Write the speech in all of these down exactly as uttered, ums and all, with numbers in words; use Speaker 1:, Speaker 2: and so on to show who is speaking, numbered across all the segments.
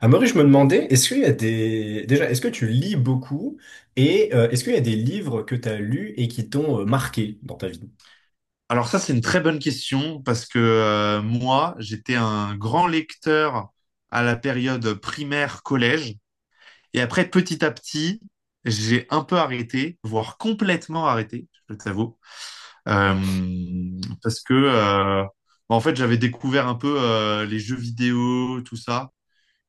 Speaker 1: Amaury, je me demandais, est-ce qu'il y a des... Déjà, est-ce que tu lis beaucoup et euh, est-ce qu'il y a des livres que tu as lus et qui t'ont euh, marqué dans ta vie?
Speaker 2: Alors ça, c'est une très bonne question parce que euh, moi, j'étais un grand lecteur à la période primaire, collège. Et après, petit à petit, j'ai un peu arrêté, voire complètement arrêté, je t'avoue. Euh, parce que, euh, bah, en fait, j'avais découvert un peu euh, les jeux vidéo, tout ça.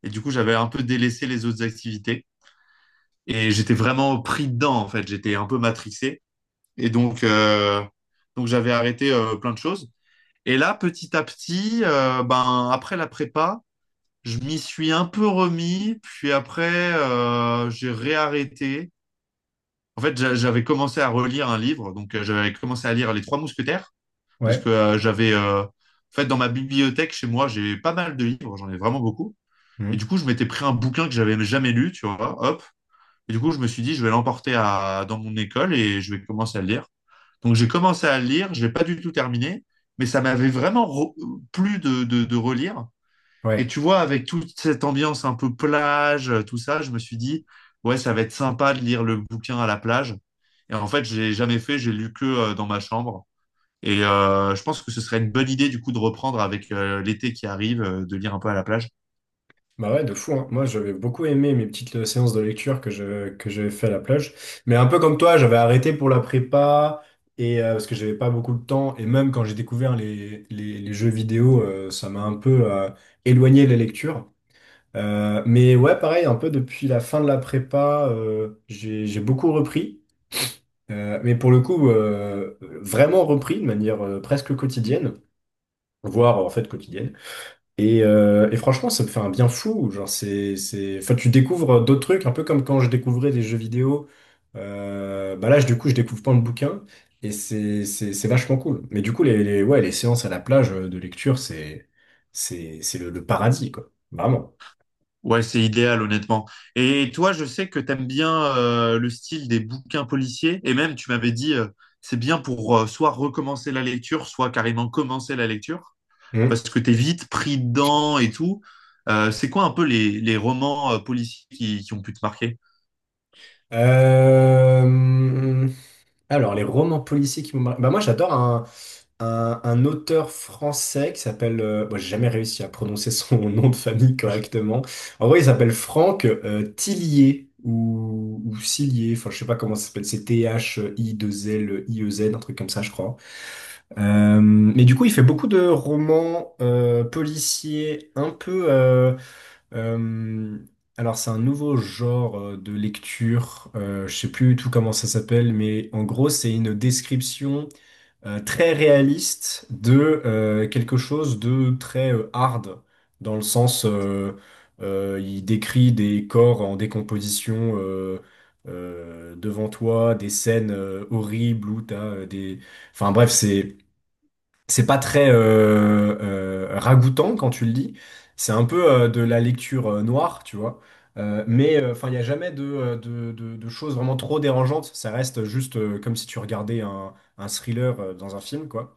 Speaker 2: Et du coup, j'avais un peu délaissé les autres activités. Et j'étais vraiment pris dedans, en fait. J'étais un peu matrixé. Et donc, euh, donc j'avais arrêté euh, plein de choses. Et là, petit à petit, euh, ben, après la prépa, je m'y suis un peu remis, puis après, euh, j'ai réarrêté. En fait, j'a- j'avais commencé à relire un livre, donc euh, j'avais commencé à lire Les Trois Mousquetaires, parce que
Speaker 1: Ouais.
Speaker 2: euh, j'avais, euh, en fait, dans ma bibliothèque chez moi, j'ai pas mal de livres, j'en ai vraiment beaucoup. Et du
Speaker 1: Mhm.
Speaker 2: coup, je m'étais pris un bouquin que j'avais jamais lu, tu vois, hop, et du coup, je me suis dit, je vais l'emporter à, dans mon école et je vais commencer à le lire. Donc, j'ai commencé à le lire, je l'ai pas du tout terminé, mais ça m'avait vraiment re- plu de, de, de relire. Et
Speaker 1: Ouais,
Speaker 2: tu vois, avec toute cette ambiance un peu plage, euh, tout ça, je me suis dit, ouais, ça va être sympa de lire le bouquin à la plage. Et en fait, je l'ai jamais fait, j'ai lu que euh, dans ma chambre. Et euh, je pense que ce serait une bonne idée, du coup, de reprendre avec euh, l'été qui arrive, euh, de lire un peu à la plage.
Speaker 1: bah ouais, de fou, hein. Moi, j'avais beaucoup aimé mes petites euh, séances de lecture que je, que j'avais fait à la plage. Mais un peu comme toi, j'avais arrêté pour la prépa et euh, parce que j'avais pas beaucoup de temps. Et même quand j'ai découvert les, les, les jeux vidéo, euh, ça m'a un peu euh, éloigné les lectures. Euh, mais ouais, pareil, un peu depuis la fin de la prépa, euh, j'ai, j'ai beaucoup repris. Euh, mais pour le coup, euh, vraiment repris de manière euh, presque quotidienne, voire en fait quotidienne. Et, euh, et franchement, ça me fait un bien fou. Genre, c'est, c'est... Enfin, tu découvres d'autres trucs, un peu comme quand je découvrais des jeux vidéo. Euh, bah là, je- du coup, je découvre plein de bouquins et c'est, c'est, c'est vachement cool. Mais du coup, les, les- ouais, les séances à la plage euh, de lecture, c'est, c'est, c'est le, le paradis, quoi. Vraiment.
Speaker 2: Ouais, c'est idéal, honnêtement. Et toi, je sais que t'aimes bien euh, le style des bouquins policiers. Et même, tu m'avais dit, euh, c'est bien pour euh, soit recommencer la lecture, soit carrément commencer la lecture, parce
Speaker 1: Hum.
Speaker 2: que t'es vite pris dedans et tout. Euh, c'est quoi un peu les, les romans euh, policiers qui, qui ont pu te marquer?
Speaker 1: Euh, Alors, les romans policiers qui m'ont marqué. Bah, moi, j'adore un, un, un auteur français qui s'appelle... euh, bon, j'ai jamais réussi à prononcer son nom de famille correctement. En vrai, il s'appelle Franck euh, Tillier ou, ou Cillier. Enfin, je sais pas comment ça s'appelle. C'est t h i deux l i e z un truc comme ça, je crois. Euh, mais du coup, il fait beaucoup de romans euh, policiers un peu. euh, euh, alors c'est un nouveau genre euh, de lecture, euh, je sais plus du tout comment ça s'appelle, mais en gros c'est une description euh, très réaliste de euh, quelque chose de très euh, hard, dans le sens euh, euh, il décrit des corps en décomposition euh, euh, devant toi, des scènes euh, horribles où t'as euh, des... Enfin bref, c'est... C'est pas très euh, euh, ragoûtant quand tu le dis. C'est un peu euh, de la lecture euh, noire, tu vois. Euh, mais euh, enfin, il n'y a jamais de, euh, de, de- de choses vraiment trop dérangeantes. Ça reste juste euh, comme si tu regardais un, un thriller euh, dans un film, quoi.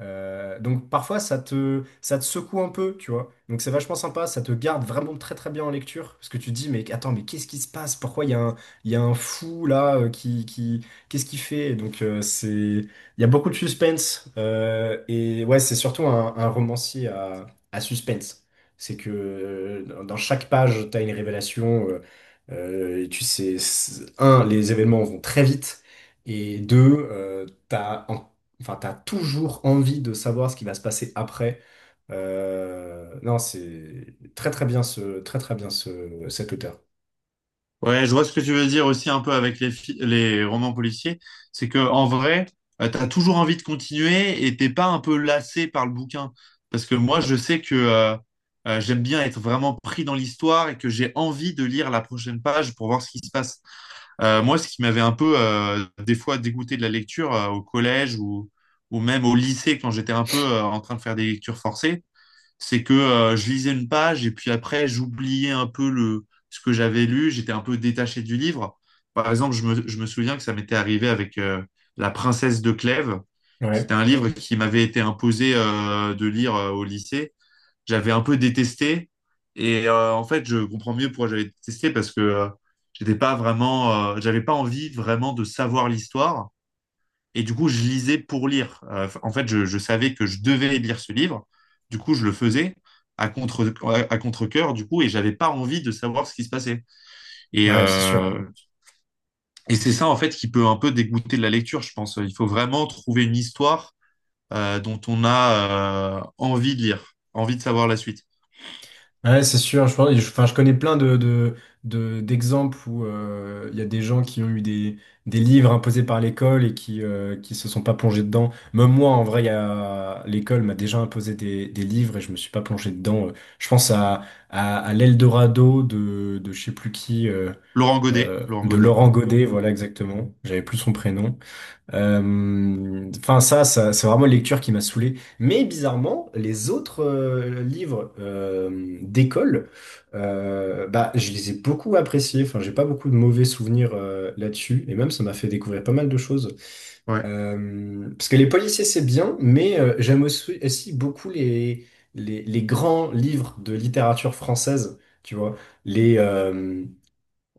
Speaker 1: Euh, donc parfois ça te, ça te secoue un peu, tu vois. Donc c'est vachement sympa, ça te garde vraiment très très bien en lecture, parce que tu te dis mais attends mais qu'est-ce qui se passe? Pourquoi il y a un, il y a un fou là euh, qui, qui qu'est-ce qu'il fait? Donc euh, c'est, il y a beaucoup de suspense euh, et ouais c'est surtout un, un romancier à, à suspense. C'est que euh, dans dans chaque page t'as une révélation. Euh, euh, et tu sais, c'est- un, les événements vont très vite et deux, euh, t'as en... Enfin, t'as toujours envie de savoir ce qui va se passer après. Euh, non, c'est très très bien ce, très très bien ce, cet auteur.
Speaker 2: Ouais, je vois ce que tu veux dire aussi un peu avec les, fi- les romans policiers. C'est que en vrai, euh, t'as toujours envie de continuer et t'es pas un peu lassé par le bouquin. Parce que moi, je sais que euh, euh, j'aime bien être vraiment pris dans l'histoire et que j'ai envie de lire la prochaine page pour voir ce qui se passe. Euh, moi, ce qui m'avait un peu euh, des fois dégoûté de la lecture euh, au collège ou, ou même au lycée quand j'étais un peu euh, en train de faire des lectures forcées, c'est que euh, je lisais une page et puis après, j'oubliais un peu le, ce que j'avais lu, j'étais un peu détaché du livre. Par exemple, je me, je me souviens que ça m'était arrivé avec euh, La Princesse de Clèves.
Speaker 1: Ouais,
Speaker 2: C'était un livre qui m'avait été imposé euh, de lire euh, au lycée. J'avais un peu détesté et euh, en fait, je comprends mieux pourquoi j'avais détesté parce que euh, j'étais pas vraiment, euh, j'avais pas envie vraiment de savoir l'histoire. Et du coup, je lisais pour lire. Euh, en fait, je, je savais que je devais lire ce livre. Du coup, je le faisais à contre à contre-cœur du coup et j'avais pas envie de savoir ce qui se passait et
Speaker 1: ouais, c'est
Speaker 2: euh,
Speaker 1: sûr.
Speaker 2: et c'est ça en fait qui peut un peu dégoûter de la lecture, je pense. Il faut vraiment trouver une histoire euh, dont on a euh, envie de lire, envie de savoir la suite.
Speaker 1: Ouais, c'est sûr. Je, pense- je- enfin, je connais plein de, de, de- d'exemples où euh, il y a des gens qui ont eu des, des livres imposés par l'école et qui, euh, qui se sont pas plongés dedans. Même moi, en vrai, il y a, l'école m'a déjà imposé des, des livres et je me suis pas plongé dedans. Euh, Je pense à, à, à l'Eldorado de, de je sais plus qui. Euh,
Speaker 2: Laurent Godet,
Speaker 1: euh,
Speaker 2: Laurent
Speaker 1: de
Speaker 2: Godet
Speaker 1: Laurent Godet, voilà exactement. J'avais plus son prénom. Euh, Enfin ça, ça c'est vraiment une lecture qui m'a saoulé. Mais bizarrement, les autres euh, livres euh, d'école, euh, bah je les ai beaucoup appréciés. Enfin j'ai pas beaucoup de mauvais souvenirs euh, là-dessus. Et même ça m'a fait découvrir pas mal de choses.
Speaker 2: ouais
Speaker 1: Euh, parce que les policiers c'est bien, mais euh, j'aime aussi, aussi beaucoup les, les les grands livres de littérature française. Tu vois les, euh,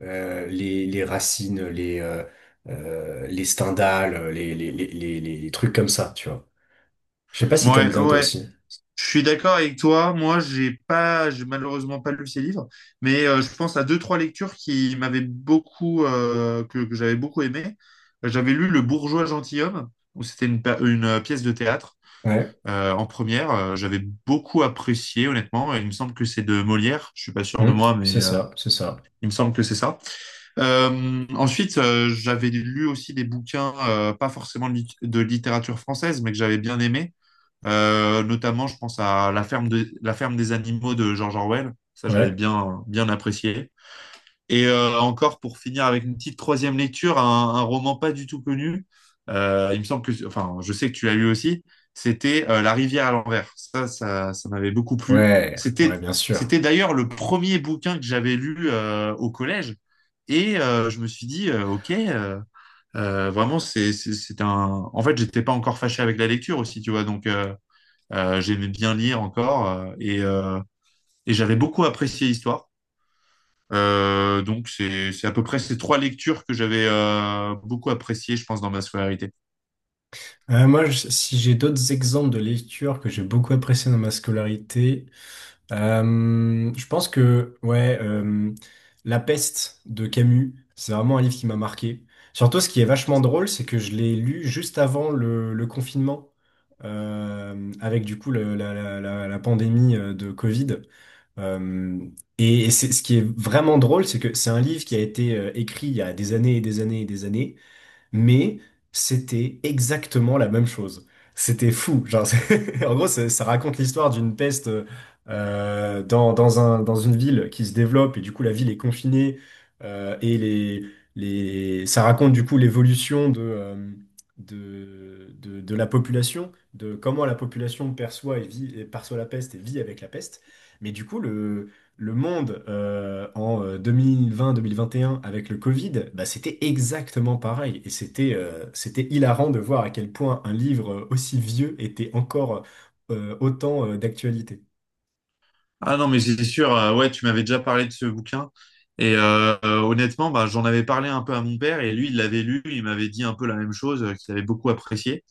Speaker 1: euh, les, les racines, les, euh, euh, les Stendhal, les, les, les, les, les- les trucs comme ça, tu vois. Je sais pas si t'aimes
Speaker 2: ouais
Speaker 1: bien toi
Speaker 2: ouais
Speaker 1: aussi.
Speaker 2: Je suis d'accord avec toi. Moi, j'ai pas, j'ai malheureusement pas lu ces livres, mais euh, je pense à deux, trois lectures qui m'avaient beaucoup, euh, que, que j'avais beaucoup aimé. J'avais lu Le Bourgeois gentilhomme, où c'était une, pa- une, euh, pièce de théâtre
Speaker 1: Ouais.
Speaker 2: euh, en première. Euh, j'avais beaucoup apprécié, honnêtement. Il me semble que c'est de Molière. Je suis pas sûr de
Speaker 1: Hmm,
Speaker 2: moi, mais
Speaker 1: c'est
Speaker 2: euh,
Speaker 1: ça, c'est ça.
Speaker 2: il me semble que c'est ça. Euh, ensuite, euh, j'avais lu aussi des bouquins, euh, pas forcément de, lit- de littérature française, mais que j'avais bien aimé. Euh, notamment, je pense à La ferme, de- La ferme des animaux de George Orwell. Ça, j'avais
Speaker 1: Ouais,
Speaker 2: bien, bien apprécié. Et euh, encore, pour finir avec une petite troisième lecture, un, un roman pas du tout connu. Euh, il me semble que, enfin, je sais que tu l'as lu aussi. C'était euh, La rivière à l'envers. Ça, ça, ça m'avait beaucoup plu.
Speaker 1: ouais, ouais,
Speaker 2: C'était,
Speaker 1: bien sûr.
Speaker 2: c'était d'ailleurs le premier bouquin que j'avais lu euh, au collège. Et euh, je me suis dit, euh, ok, euh, euh, vraiment, c'est, c'est, c'est un. En fait, j'étais pas encore fâché avec la lecture aussi, tu vois. Donc, euh, euh, j'aimais bien lire encore euh, et, euh, et j'avais beaucoup apprécié l'histoire. Euh, donc c'est c'est à peu près ces trois lectures que j'avais euh, beaucoup appréciées, je pense, dans ma scolarité.
Speaker 1: Euh, moi, je- si j'ai d'autres exemples de lecture que j'ai beaucoup apprécié dans ma scolarité, Euh, je pense que ouais, euh, La peste de Camus, c'est vraiment un livre qui m'a marqué. Surtout, ce qui est vachement drôle, c'est que je l'ai lu juste avant le, le confinement, euh, avec du coup le- la, la- la- la pandémie euh, de Covid. Euh, et et c'est, ce qui est vraiment drôle, c'est que c'est un livre qui a été euh, écrit il y a des années et des années et des années mais c'était exactement la même chose. C'était fou. Genre, c'est- en gros, ça, ça raconte l'histoire d'une peste euh, dans, dans un, dans une ville qui se développe et du coup la ville est confinée euh, et les, les, ça raconte du coup l'évolution de, euh, de, de, de la population, de comment la population perçoit et vit, et perçoit la peste et vit avec la peste. Mais du coup, le, le monde euh, en euh, deux mille vingt, deux mille vingt et un avec le Covid, bah, c'était exactement pareil. Et c'était euh, c'était hilarant de voir à quel point un livre aussi vieux était encore euh, autant euh, d'actualité.
Speaker 2: Ah non, mais c'est sûr. euh, ouais, tu m'avais déjà parlé de ce bouquin et euh, euh, honnêtement, bah, j'en avais parlé un peu à mon père et lui, il l'avait lu, il m'avait dit un peu la même chose, euh, qu'il avait beaucoup apprécié.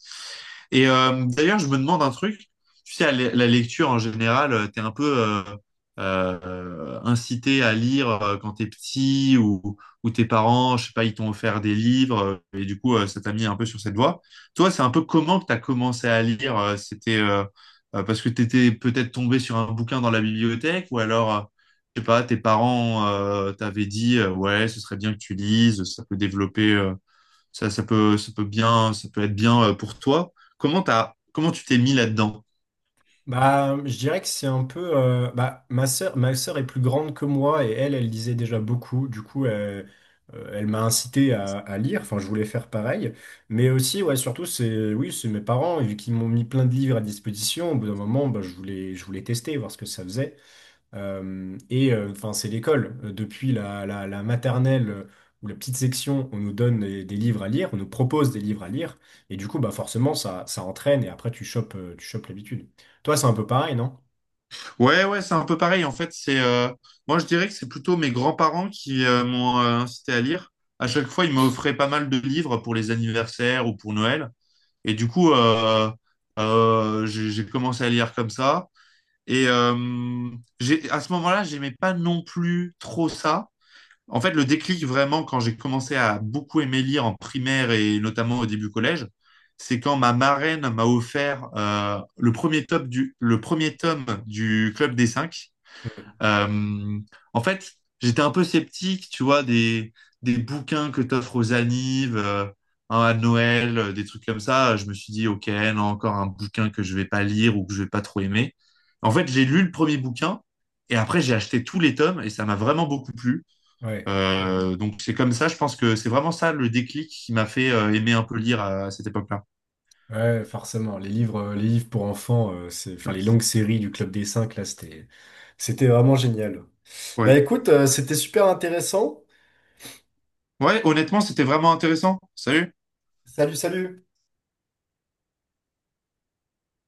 Speaker 2: Et euh, d'ailleurs, je me demande un truc. Tu sais, à la la lecture en général, tu es un peu euh, euh, incité à lire euh, quand tu es petit ou, ou tes parents, je sais pas, ils t'ont offert des livres euh, et du coup, euh, ça t'a mis un peu sur cette voie. Toi, c'est un peu comment que tu as commencé à lire? euh, C'était euh, euh, parce que tu étais peut-être tombé sur un bouquin dans la bibliothèque ou alors, euh, je sais pas, tes parents euh, t'avaient dit, euh, ouais, ce serait bien que tu lises, ça peut développer. euh, ça, ça peut, ça peut bien, ça peut être bien euh, pour toi. Comment t'as, comment tu t'es mis là-dedans?
Speaker 1: Bah, je dirais que c'est un peu... euh, bah, ma sœur, ma sœur est plus grande que moi et elle, elle lisait déjà beaucoup. Du coup, euh, euh, elle m'a incité à, à lire. Enfin, je voulais faire pareil. Mais aussi, ouais, surtout, c'est oui, c'est mes parents, vu qu'ils m'ont mis plein de livres à disposition. Au bout d'un moment, bah, je voulais, je voulais tester, voir ce que ça faisait. Euh, et euh, enfin, c'est l'école. Euh, Depuis la, la- la maternelle euh, ou la petite section, on nous donne des, des livres à lire, on nous propose des livres à lire, et du coup, bah forcément, ça, ça entraîne, et après, tu chopes, euh, tu chopes l'habitude. Toi, c'est un peu pareil, non?
Speaker 2: Ouais, ouais, c'est un peu pareil. En fait, c'est, euh, moi, je dirais que c'est plutôt mes grands-parents qui euh, m'ont euh, incité à lire. À chaque fois, ils m'offraient pas mal de livres pour les anniversaires ou pour Noël. Et du coup, euh, euh, j'ai j'ai commencé à lire comme ça. Et euh, j'ai, à ce moment-là, j'aimais pas non plus trop ça. En fait, le déclic vraiment quand j'ai commencé à beaucoup aimer lire en primaire et notamment au début collège, c'est quand ma marraine m'a offert euh, le premier top du, le premier tome du Club des Cinq.
Speaker 1: Mhm.
Speaker 2: Euh, en fait, j'étais un peu sceptique, tu vois, des, des bouquins que t'offres aux annives, euh, hein, à Noël, euh, des trucs comme ça. Je me suis dit, ok, non, encore un bouquin que je vais pas lire ou que je vais pas trop aimer. En fait, j'ai lu le premier bouquin et après j'ai acheté tous les tomes et ça m'a vraiment beaucoup plu.
Speaker 1: Ouais,
Speaker 2: Euh, donc c'est comme ça, je pense que c'est vraiment ça le déclic qui m'a fait euh, aimer un peu lire à, à cette époque-là.
Speaker 1: ouais, forcément. Les livres, euh, les livres pour enfants, euh, c'est, enfin, les
Speaker 2: Ouais.
Speaker 1: longues séries du Club des Cinq, là, c'était, c'était vraiment génial. Bah
Speaker 2: Ouais,
Speaker 1: écoute, euh, c'était super intéressant.
Speaker 2: Ouais, honnêtement, c'était vraiment intéressant. Salut.
Speaker 1: Salut, salut!